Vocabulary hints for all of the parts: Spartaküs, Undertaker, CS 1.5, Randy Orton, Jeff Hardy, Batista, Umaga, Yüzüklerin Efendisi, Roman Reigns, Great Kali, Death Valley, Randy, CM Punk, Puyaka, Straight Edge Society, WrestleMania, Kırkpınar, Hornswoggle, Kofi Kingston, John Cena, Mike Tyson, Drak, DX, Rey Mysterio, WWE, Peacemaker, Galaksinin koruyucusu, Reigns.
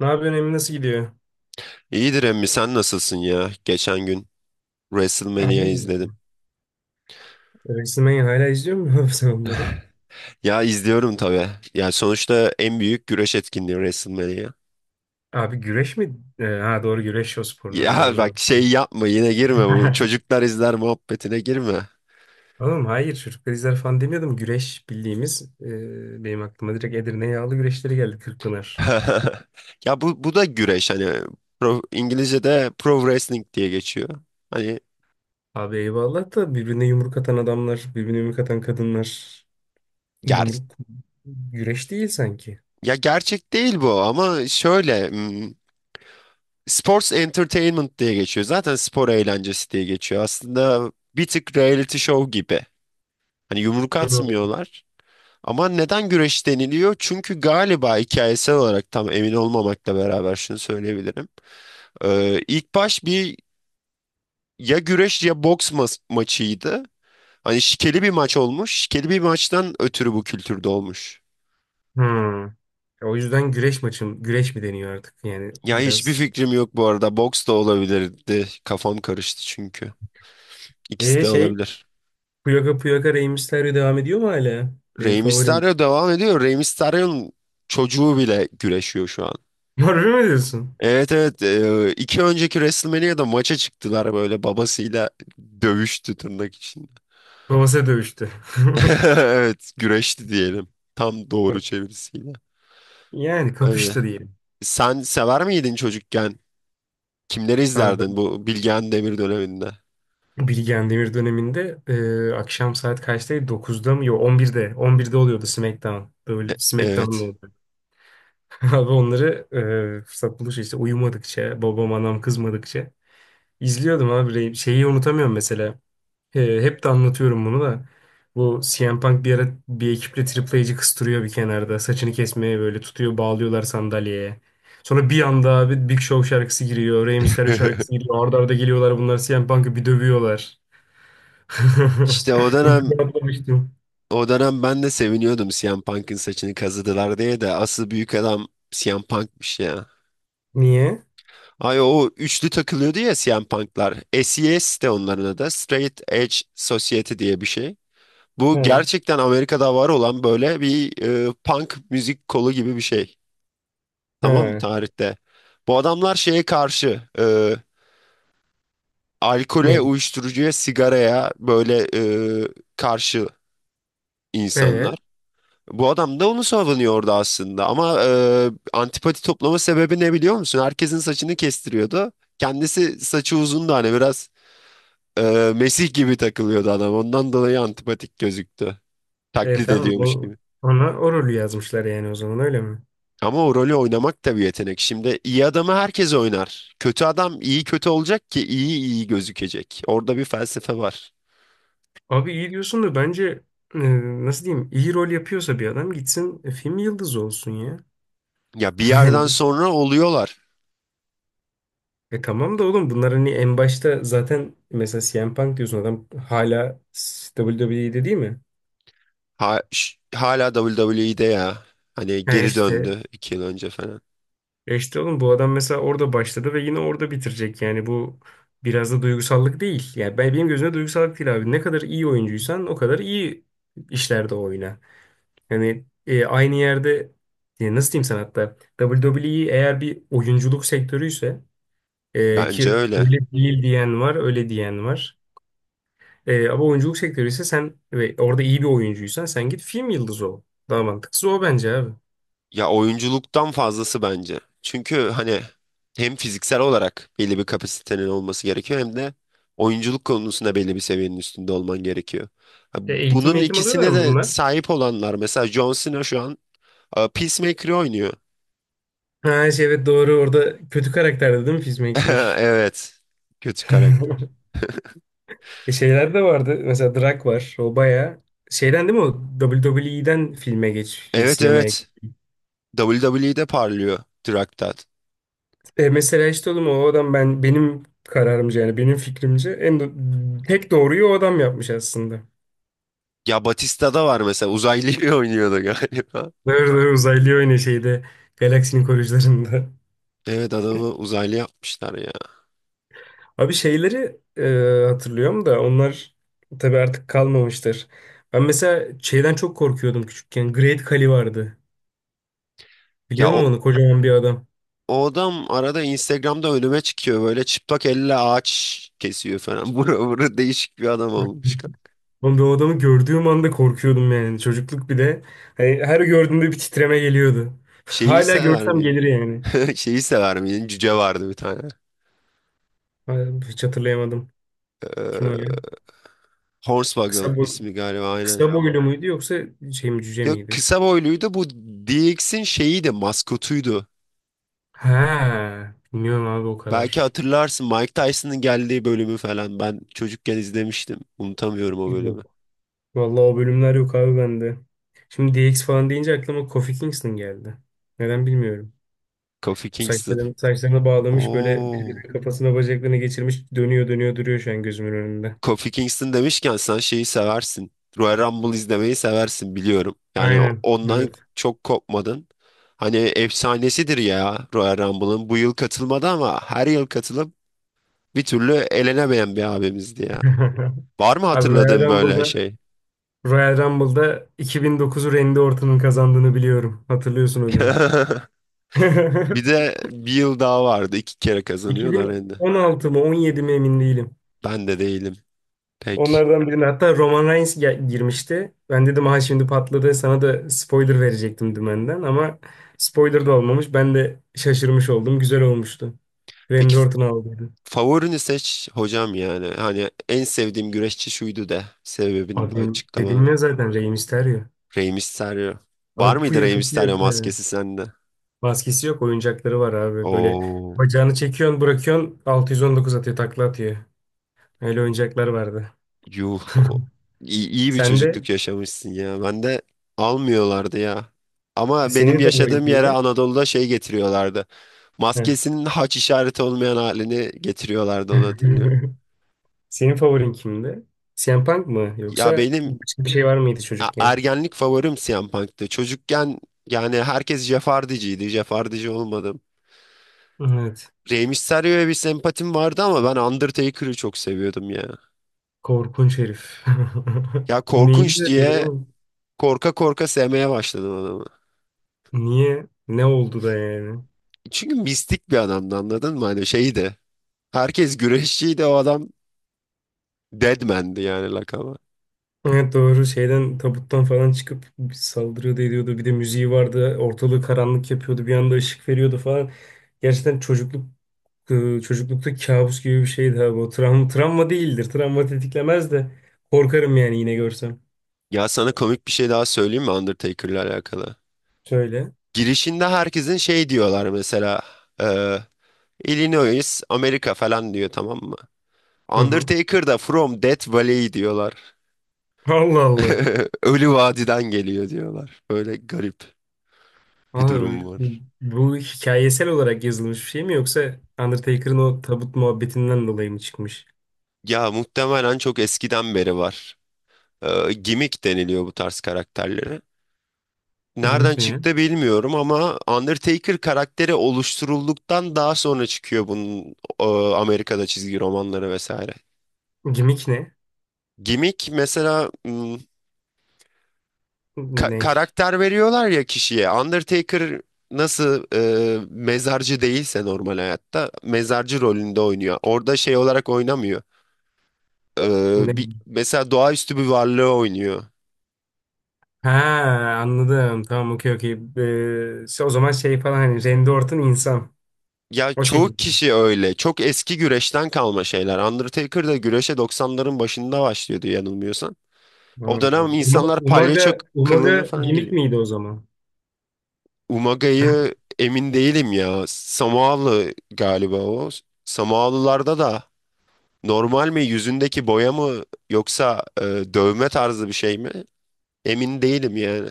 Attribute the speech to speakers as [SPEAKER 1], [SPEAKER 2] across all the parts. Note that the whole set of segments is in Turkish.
[SPEAKER 1] Ne yapıyorsun Emin, nasıl gidiyor?
[SPEAKER 2] İyidir emmi, sen nasılsın ya? Geçen gün WrestleMania
[SPEAKER 1] Aynen.
[SPEAKER 2] izledim.
[SPEAKER 1] Resmen hala izliyor musun sen onları?
[SPEAKER 2] Ya izliyorum tabii. Ya sonuçta en büyük güreş etkinliği WrestleMania.
[SPEAKER 1] Abi güreş mi? Ha doğru, güreş o sporuna da
[SPEAKER 2] Ya
[SPEAKER 1] doğru
[SPEAKER 2] bak, şey
[SPEAKER 1] doğru.
[SPEAKER 2] yapma, yine girme bu çocuklar izler muhabbetine, girme.
[SPEAKER 1] Oğlum hayır, çocuklar izler falan demiyordum. Güreş bildiğimiz, benim aklıma direkt Edirne yağlı güreşleri geldi, Kırkpınar.
[SPEAKER 2] Ya bu da güreş hani İngilizce'de pro wrestling diye geçiyor. Hani
[SPEAKER 1] Abi eyvallah da, birbirine yumruk atan adamlar, birbirine yumruk atan kadınlar,
[SPEAKER 2] ger
[SPEAKER 1] yumruk güreş değil sanki.
[SPEAKER 2] ya gerçek değil bu, ama şöyle sports entertainment diye geçiyor. Zaten spor eğlencesi diye geçiyor. Aslında bir tık reality show gibi. Hani yumruk
[SPEAKER 1] Hı.
[SPEAKER 2] atmıyorlar. Ama neden güreş deniliyor? Çünkü galiba, hikayesel olarak tam emin olmamakla beraber, şunu söyleyebilirim. İlk baş bir ya güreş ya boks maçıydı. Hani şikeli bir maç olmuş. Şikeli bir maçtan ötürü bu kültürde olmuş.
[SPEAKER 1] Hmm. O yüzden güreş güreş mi deniyor artık, yani
[SPEAKER 2] Ya hiçbir
[SPEAKER 1] biraz.
[SPEAKER 2] fikrim yok bu arada. Boks da olabilirdi. Kafam karıştı çünkü. İkisi
[SPEAKER 1] E
[SPEAKER 2] de
[SPEAKER 1] şey
[SPEAKER 2] olabilir.
[SPEAKER 1] Puyaka Puyaka Rey Mysterio devam ediyor mu hala? Benim
[SPEAKER 2] Rey
[SPEAKER 1] favorim.
[SPEAKER 2] Mysterio devam ediyor. Rey Mysterio'nun çocuğu bile güreşiyor şu an.
[SPEAKER 1] Harbi mi diyorsun?
[SPEAKER 2] Evet, evet. 2 önceki WrestleMania'da maça çıktılar, böyle babasıyla dövüştü tırnak için.
[SPEAKER 1] Babası dövüştü.
[SPEAKER 2] Evet, güreşti diyelim, tam doğru çevirisiyle.
[SPEAKER 1] Yani
[SPEAKER 2] Öyle.
[SPEAKER 1] kapıştı diyelim.
[SPEAKER 2] Sen sever miydin çocukken? Kimleri
[SPEAKER 1] Abi ben
[SPEAKER 2] izlerdin bu Bilgehan Demir döneminde?
[SPEAKER 1] Bilgehan Demir döneminde, akşam saat kaçtaydı? Dokuzda mı? Yok, on birde? On birde oluyordu SmackDown. Böyle SmackDown'da
[SPEAKER 2] Evet.
[SPEAKER 1] oldu. Abi onları, fırsat buluşu işte, uyumadıkça, babam anam kızmadıkça izliyordum abi. Şeyi unutamıyorum mesela. Hep de anlatıyorum bunu da. Bu CM Punk bir ara bir ekiple Triple H'ci kıstırıyor bir kenarda. Saçını kesmeye böyle tutuyor, bağlıyorlar sandalyeye. Sonra bir anda abi Big Show şarkısı giriyor. Rey Mysterio şarkısı giriyor. Arda arda geliyorlar, bunlar CM Punk'ı bir dövüyorlar.
[SPEAKER 2] İşte o
[SPEAKER 1] Bunu
[SPEAKER 2] dönem
[SPEAKER 1] çok atlamıştım.
[SPEAKER 2] o dönem ben de seviniyordum CM Punk'ın saçını kazıdılar diye, de asıl büyük adam CM Punk'mış ya.
[SPEAKER 1] Niye?
[SPEAKER 2] Ay, o üçlü takılıyordu ya CM Punk'lar. SES de onların adı. Straight Edge Society diye bir şey. Bu
[SPEAKER 1] He.
[SPEAKER 2] gerçekten Amerika'da var olan böyle bir punk müzik kolu gibi bir şey. Tamam mı,
[SPEAKER 1] He.
[SPEAKER 2] tarihte? Bu adamlar şeye karşı, alkole,
[SPEAKER 1] Ne?
[SPEAKER 2] uyuşturucuya, sigaraya, böyle e, karşı
[SPEAKER 1] He.
[SPEAKER 2] insanlar. Bu adam da onu savunuyordu aslında, ama antipati toplama sebebi ne biliyor musun? Herkesin saçını kestiriyordu. Kendisi saçı uzundu hani biraz. Mesih gibi takılıyordu adam. Ondan dolayı antipatik gözüktü.
[SPEAKER 1] E
[SPEAKER 2] Taklit
[SPEAKER 1] tamam.
[SPEAKER 2] ediyormuş gibi.
[SPEAKER 1] Ona o rolü yazmışlar yani o zaman, öyle mi?
[SPEAKER 2] Ama o rolü oynamak da bir yetenek. Şimdi iyi adamı herkes oynar. Kötü adam iyi kötü olacak ki iyi iyi gözükecek. Orada bir felsefe var.
[SPEAKER 1] Abi iyi diyorsun da bence e, nasıl diyeyim, iyi rol yapıyorsa bir adam gitsin, film yıldızı olsun ya.
[SPEAKER 2] Ya bir yerden
[SPEAKER 1] Yani,
[SPEAKER 2] sonra oluyorlar.
[SPEAKER 1] tamam da oğlum bunlar hani en başta zaten mesela CM Punk diyorsun, adam hala WWE'de değil mi?
[SPEAKER 2] Hala WWE'de ya. Hani
[SPEAKER 1] He
[SPEAKER 2] geri
[SPEAKER 1] işte
[SPEAKER 2] döndü 2 yıl önce falan.
[SPEAKER 1] oğlum bu adam mesela orada başladı ve yine orada bitirecek yani bu biraz da duygusallık değil. Yani benim gözümde duygusallık değil abi. Ne kadar iyi oyuncuysan o kadar iyi işlerde oyna. Yani, aynı yerde, nasıl diyeyim sana, hatta WWE eğer bir oyunculuk sektörüyse ki
[SPEAKER 2] Bence öyle.
[SPEAKER 1] öyle değil diyen var, öyle diyen var. Ama oyunculuk sektörü ise sen ve orada iyi bir oyuncuysan sen git film yıldızı ol. Daha mantıklısı o bence abi.
[SPEAKER 2] Ya oyunculuktan fazlası bence. Çünkü hani hem fiziksel olarak belli bir kapasitenin olması gerekiyor, hem de oyunculuk konusunda belli bir seviyenin üstünde olman gerekiyor. Ha,
[SPEAKER 1] E, eğitim
[SPEAKER 2] Bunun
[SPEAKER 1] eğitim alıyorlar
[SPEAKER 2] ikisine
[SPEAKER 1] mı
[SPEAKER 2] de
[SPEAKER 1] bunlar?
[SPEAKER 2] sahip olanlar, mesela John Cena şu an Peacemaker'ı oynuyor.
[SPEAKER 1] Ha şey, evet doğru, orada kötü karakterdi değil mi Peacemaker?
[SPEAKER 2] Evet. Kötü karakter.
[SPEAKER 1] Şeyler de vardı. Mesela Drak var. O bayağı şeyden değil mi o? W W E'den filme geç,
[SPEAKER 2] Evet,
[SPEAKER 1] sinemaya
[SPEAKER 2] evet.
[SPEAKER 1] git.
[SPEAKER 2] WWE'de parlıyor Traktat.
[SPEAKER 1] Mesela işte oğlum o adam, benim kararımca yani benim fikrimce, en tek doğruyu o adam yapmış aslında.
[SPEAKER 2] Ya Batista da var mesela, uzaylıyı oynuyordu galiba.
[SPEAKER 1] Doğru doğru, uzaylı oynuyor şeyde. Galaksinin koruyucularında.
[SPEAKER 2] Evet, adamı uzaylı yapmışlar ya.
[SPEAKER 1] Abi şeyleri, hatırlıyorum da onlar tabii artık kalmamıştır. Ben mesela şeyden çok korkuyordum küçükken. Great Kali vardı.
[SPEAKER 2] Ya
[SPEAKER 1] Biliyor
[SPEAKER 2] o,
[SPEAKER 1] musun onu? Kocaman bir adam.
[SPEAKER 2] o adam arada Instagram'da önüme çıkıyor, böyle çıplak elle ağaç kesiyor falan. Bura değişik bir adam olmuş.
[SPEAKER 1] Oğlum, ben o adamı gördüğüm anda korkuyordum yani. Çocukluk bir de. Hani her gördüğümde bir titreme geliyordu.
[SPEAKER 2] Şeyi
[SPEAKER 1] Hala
[SPEAKER 2] sever
[SPEAKER 1] görsem gelir
[SPEAKER 2] miydin?
[SPEAKER 1] yani.
[SPEAKER 2] Şeyi sever miydin? Cüce vardı bir tane.
[SPEAKER 1] Ay, hiç hatırlayamadım. Kim o ya?
[SPEAKER 2] Ee, Hornswoggle
[SPEAKER 1] Kısa boy,
[SPEAKER 2] ismi galiba, aynen.
[SPEAKER 1] kısa boylu muydu yoksa şey mi, cüce
[SPEAKER 2] Ya
[SPEAKER 1] miydi?
[SPEAKER 2] kısa boyluydu bu, DX'in şeyiydi, maskotuydu.
[SPEAKER 1] Ha, bilmiyorum abi o
[SPEAKER 2] Belki
[SPEAKER 1] kadar.
[SPEAKER 2] hatırlarsın Mike Tyson'ın geldiği bölümü falan. Ben çocukken izlemiştim. Unutamıyorum o bölümü.
[SPEAKER 1] Vallahi o bölümler yok abi bende. Şimdi DX falan deyince aklıma Kofi Kingston geldi. Neden bilmiyorum.
[SPEAKER 2] Kofi Kingston.
[SPEAKER 1] Saçlarını bağlamış böyle,
[SPEAKER 2] Oo.
[SPEAKER 1] birbirinin kafasına bacaklarını geçirmiş, dönüyor dönüyor duruyor şu an gözümün önünde.
[SPEAKER 2] Kofi Kingston demişken, sen şeyi seversin. Royal Rumble izlemeyi seversin, biliyorum. Yani
[SPEAKER 1] Aynen.
[SPEAKER 2] ondan
[SPEAKER 1] Evet.
[SPEAKER 2] çok kopmadın. Hani efsanesidir ya Royal Rumble'ın. Bu yıl katılmadı, ama her yıl katılıp bir türlü elenemeyen bir abimizdi ya. Var mı
[SPEAKER 1] Abi
[SPEAKER 2] hatırladığın böyle şey?
[SPEAKER 1] Royal Rumble'da 2009'u Randy Orton'un kazandığını biliyorum. Hatırlıyorsun o günü.
[SPEAKER 2] Bir de bir yıl daha vardı. İki kere kazanıyor da Randy.
[SPEAKER 1] 2016 mı, 17 mi emin değilim.
[SPEAKER 2] Ben de değilim. Peki.
[SPEAKER 1] Onlardan birine hatta Roman Reigns girmişti. Ben dedim ha şimdi patladı, sana da spoiler verecektim dümenden ama spoiler da olmamış. Ben de şaşırmış oldum. Güzel olmuştu.
[SPEAKER 2] Peki,
[SPEAKER 1] Randy Orton aldıydı.
[SPEAKER 2] favorini seç hocam yani. Hani en sevdiğim güreşçi şuydu de. Sebebini de
[SPEAKER 1] Abi
[SPEAKER 2] açıklamanı.
[SPEAKER 1] dedilmiyor zaten, Rey Mysterio.
[SPEAKER 2] Rey Mysterio. Var
[SPEAKER 1] Abi
[SPEAKER 2] mıydı
[SPEAKER 1] puya
[SPEAKER 2] Rey
[SPEAKER 1] kaçıyor.
[SPEAKER 2] Mysterio
[SPEAKER 1] Ee,
[SPEAKER 2] maskesi sende?
[SPEAKER 1] Maskesi yok, oyuncakları var abi. Böyle
[SPEAKER 2] Oo,
[SPEAKER 1] bacağını çekiyorsun, bırakıyorsun, 619 atıyor, takla atıyor. Öyle oyuncaklar vardı.
[SPEAKER 2] yuh. İyi, iyi bir
[SPEAKER 1] Sen de,
[SPEAKER 2] çocukluk yaşamışsın ya. Ben de almıyorlardı ya. Ama benim
[SPEAKER 1] senin favorin
[SPEAKER 2] yaşadığım yere,
[SPEAKER 1] kimdi?
[SPEAKER 2] Anadolu'da, şey getiriyorlardı.
[SPEAKER 1] Heh.
[SPEAKER 2] Maskesinin haç işareti olmayan halini getiriyorlardı, onu hatırlıyorum.
[SPEAKER 1] Senin favorin kimdi? CM Punk mı
[SPEAKER 2] Ya
[SPEAKER 1] yoksa
[SPEAKER 2] benim
[SPEAKER 1] başka bir şey var mıydı çocukken?
[SPEAKER 2] ergenlik favorim CM Punk'tı. Çocukken yani herkes Jeff Hardy'ciydi. Jeff Hardy'ci olmadım.
[SPEAKER 1] Evet.
[SPEAKER 2] Rey Mysterio'ya bir sempatim vardı, ama ben Undertaker'ı çok seviyordum ya.
[SPEAKER 1] Korkunç herif.
[SPEAKER 2] Ya
[SPEAKER 1] Neyini
[SPEAKER 2] korkunç
[SPEAKER 1] öldürdü
[SPEAKER 2] diye
[SPEAKER 1] oğlum?
[SPEAKER 2] korka korka sevmeye başladım adamı.
[SPEAKER 1] Niye? Ne oldu da yani?
[SPEAKER 2] Çünkü mistik bir adamdı, anladın mı? Hani şeydi. Herkes güreşçiydi, o adam Deadman'di yani, lakabı.
[SPEAKER 1] Evet doğru, şeyden tabuttan falan çıkıp saldırıyordu ediyordu. Bir de müziği vardı. Ortalığı karanlık yapıyordu. Bir anda ışık veriyordu falan. Gerçekten çocuklukta kabus gibi bir şeydi ha bu. Travma değildir. Travma tetiklemez de korkarım yani yine görsem.
[SPEAKER 2] Ya sana komik bir şey daha söyleyeyim mi Undertaker'la alakalı?
[SPEAKER 1] Şöyle.
[SPEAKER 2] Girişinde herkesin şey diyorlar mesela. E, Illinois, Amerika falan diyor, tamam mı?
[SPEAKER 1] Hı hı.
[SPEAKER 2] Undertaker da From Death Valley diyorlar.
[SPEAKER 1] Allah Allah.
[SPEAKER 2] Ölü vadiden geliyor diyorlar. Böyle garip bir
[SPEAKER 1] Valla
[SPEAKER 2] durum var.
[SPEAKER 1] bu hikayesel olarak yazılmış bir şey mi, yoksa Undertaker'ın o tabut muhabbetinden dolayı mı çıkmış?
[SPEAKER 2] Ya muhtemelen çok eskiden beri var. Gimmick deniliyor bu tarz karakterlere. Nereden
[SPEAKER 1] Gimik ne ya?
[SPEAKER 2] çıktı bilmiyorum, ama Undertaker karakteri oluşturulduktan daha sonra çıkıyor bunun, Amerika'da çizgi romanları vesaire.
[SPEAKER 1] Gimik ne?
[SPEAKER 2] Gimmick mesela,
[SPEAKER 1] Ne?
[SPEAKER 2] karakter veriyorlar ya kişiye. Undertaker nasıl mezarcı değilse normal hayatta, mezarcı rolünde oynuyor. Orada şey olarak oynamıyor.
[SPEAKER 1] Ne?
[SPEAKER 2] Mesela doğaüstü bir varlığı oynuyor.
[SPEAKER 1] Ha, anladım. Tamam, okey okey. O zaman şey falan, hani Randy Orton insan.
[SPEAKER 2] Ya
[SPEAKER 1] O
[SPEAKER 2] çoğu
[SPEAKER 1] şekilde.
[SPEAKER 2] kişi öyle. Çok eski güreşten kalma şeyler. Undertaker da güreşe doksanların başında başlıyordu yanılmıyorsam.
[SPEAKER 1] Ha.
[SPEAKER 2] O dönem insanlar palyaço
[SPEAKER 1] Umaga
[SPEAKER 2] kılığına falan
[SPEAKER 1] gimik
[SPEAKER 2] giriyor.
[SPEAKER 1] miydi o zaman?
[SPEAKER 2] Umaga'yı emin değilim ya. Samoalı galiba o. Samoalılarda da normal mi, yüzündeki boya mı, yoksa dövme tarzı bir şey mi? Emin değilim yani.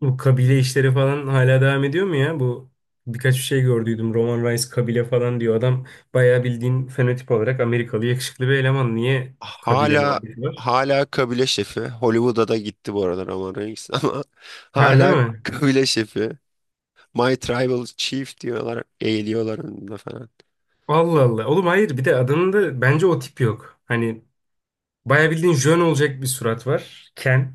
[SPEAKER 1] Bu kabile işleri falan hala devam ediyor mu ya? Bu birkaç bir şey gördüydüm. Roman Reigns kabile falan diyor. Adam bayağı bildiğin fenotip olarak Amerikalı yakışıklı bir eleman. Niye kabile
[SPEAKER 2] Hala
[SPEAKER 1] muhabbeti var?
[SPEAKER 2] hala kabile şefi. Hollywood'a da gitti bu aralar ama Reigns, ama
[SPEAKER 1] Harbi
[SPEAKER 2] hala
[SPEAKER 1] mi?
[SPEAKER 2] kabile şefi. My Tribal Chief diyorlar, eğiliyorlar önünde falan.
[SPEAKER 1] Allah Allah. Oğlum hayır, bir de adamın da bence o tip yok. Hani bayağı bildiğin jön olacak bir surat var. Ken.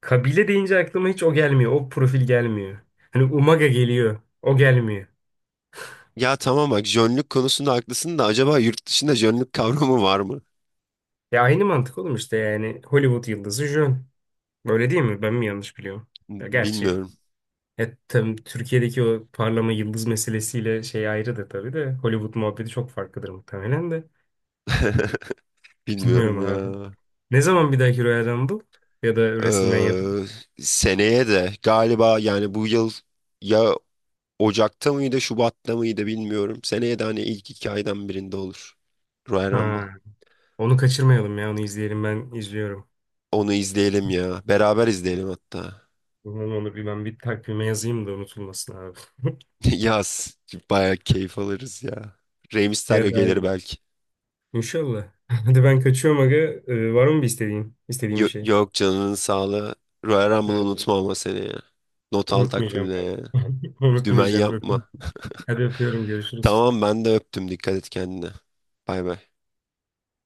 [SPEAKER 1] Kabile deyince aklıma hiç o gelmiyor. O profil gelmiyor. Hani Umaga geliyor. O gelmiyor.
[SPEAKER 2] Ya tamam, bak, jönlük konusunda haklısın da, acaba yurt dışında jönlük kavramı var mı?
[SPEAKER 1] Ya aynı mantık oğlum işte, yani Hollywood yıldızı jön. Böyle değil mi? Ben mi yanlış biliyorum? Ya gerçi
[SPEAKER 2] Bilmiyorum,
[SPEAKER 1] E, tabii Türkiye'deki o parlama yıldız meselesiyle şey ayrıdır tabii de. Hollywood muhabbeti çok farklıdır muhtemelen de.
[SPEAKER 2] bilmiyorum
[SPEAKER 1] Bilmiyorum abi.
[SPEAKER 2] ya.
[SPEAKER 1] Ne zaman bir dahaki Royal Rumble ya da WrestleMania?
[SPEAKER 2] Ee, seneye de galiba, yani bu yıl ya Ocak'ta mıydı, Şubat'ta mıydı, bilmiyorum. Seneye de hani ilk iki aydan birinde olur. Royal Rumble.
[SPEAKER 1] Ha, onu kaçırmayalım ya, onu izleyelim, ben izliyorum.
[SPEAKER 2] Onu izleyelim ya. Beraber izleyelim hatta.
[SPEAKER 1] Onu bir ben bir takvime yazayım da unutulmasın abi.
[SPEAKER 2] Yaz. Bayağı keyif alırız ya. Rey
[SPEAKER 1] Ya
[SPEAKER 2] Mysterio gelir
[SPEAKER 1] da
[SPEAKER 2] belki.
[SPEAKER 1] inşallah. Hadi ben kaçıyorum aga. Var mı bir istediğin? İstediğin bir şey?
[SPEAKER 2] Yok, canının sağlığı. Royal Rumble'ı
[SPEAKER 1] Ha,
[SPEAKER 2] unutma ama, seni ya. Not al
[SPEAKER 1] unutmayacağım
[SPEAKER 2] takvimine
[SPEAKER 1] abi.
[SPEAKER 2] ya. Dümen
[SPEAKER 1] Unutmayacağım. Öpüyorum.
[SPEAKER 2] yapma.
[SPEAKER 1] Hadi öpüyorum. Görüşürüz.
[SPEAKER 2] Tamam, ben de öptüm. Dikkat et kendine. Bay bay.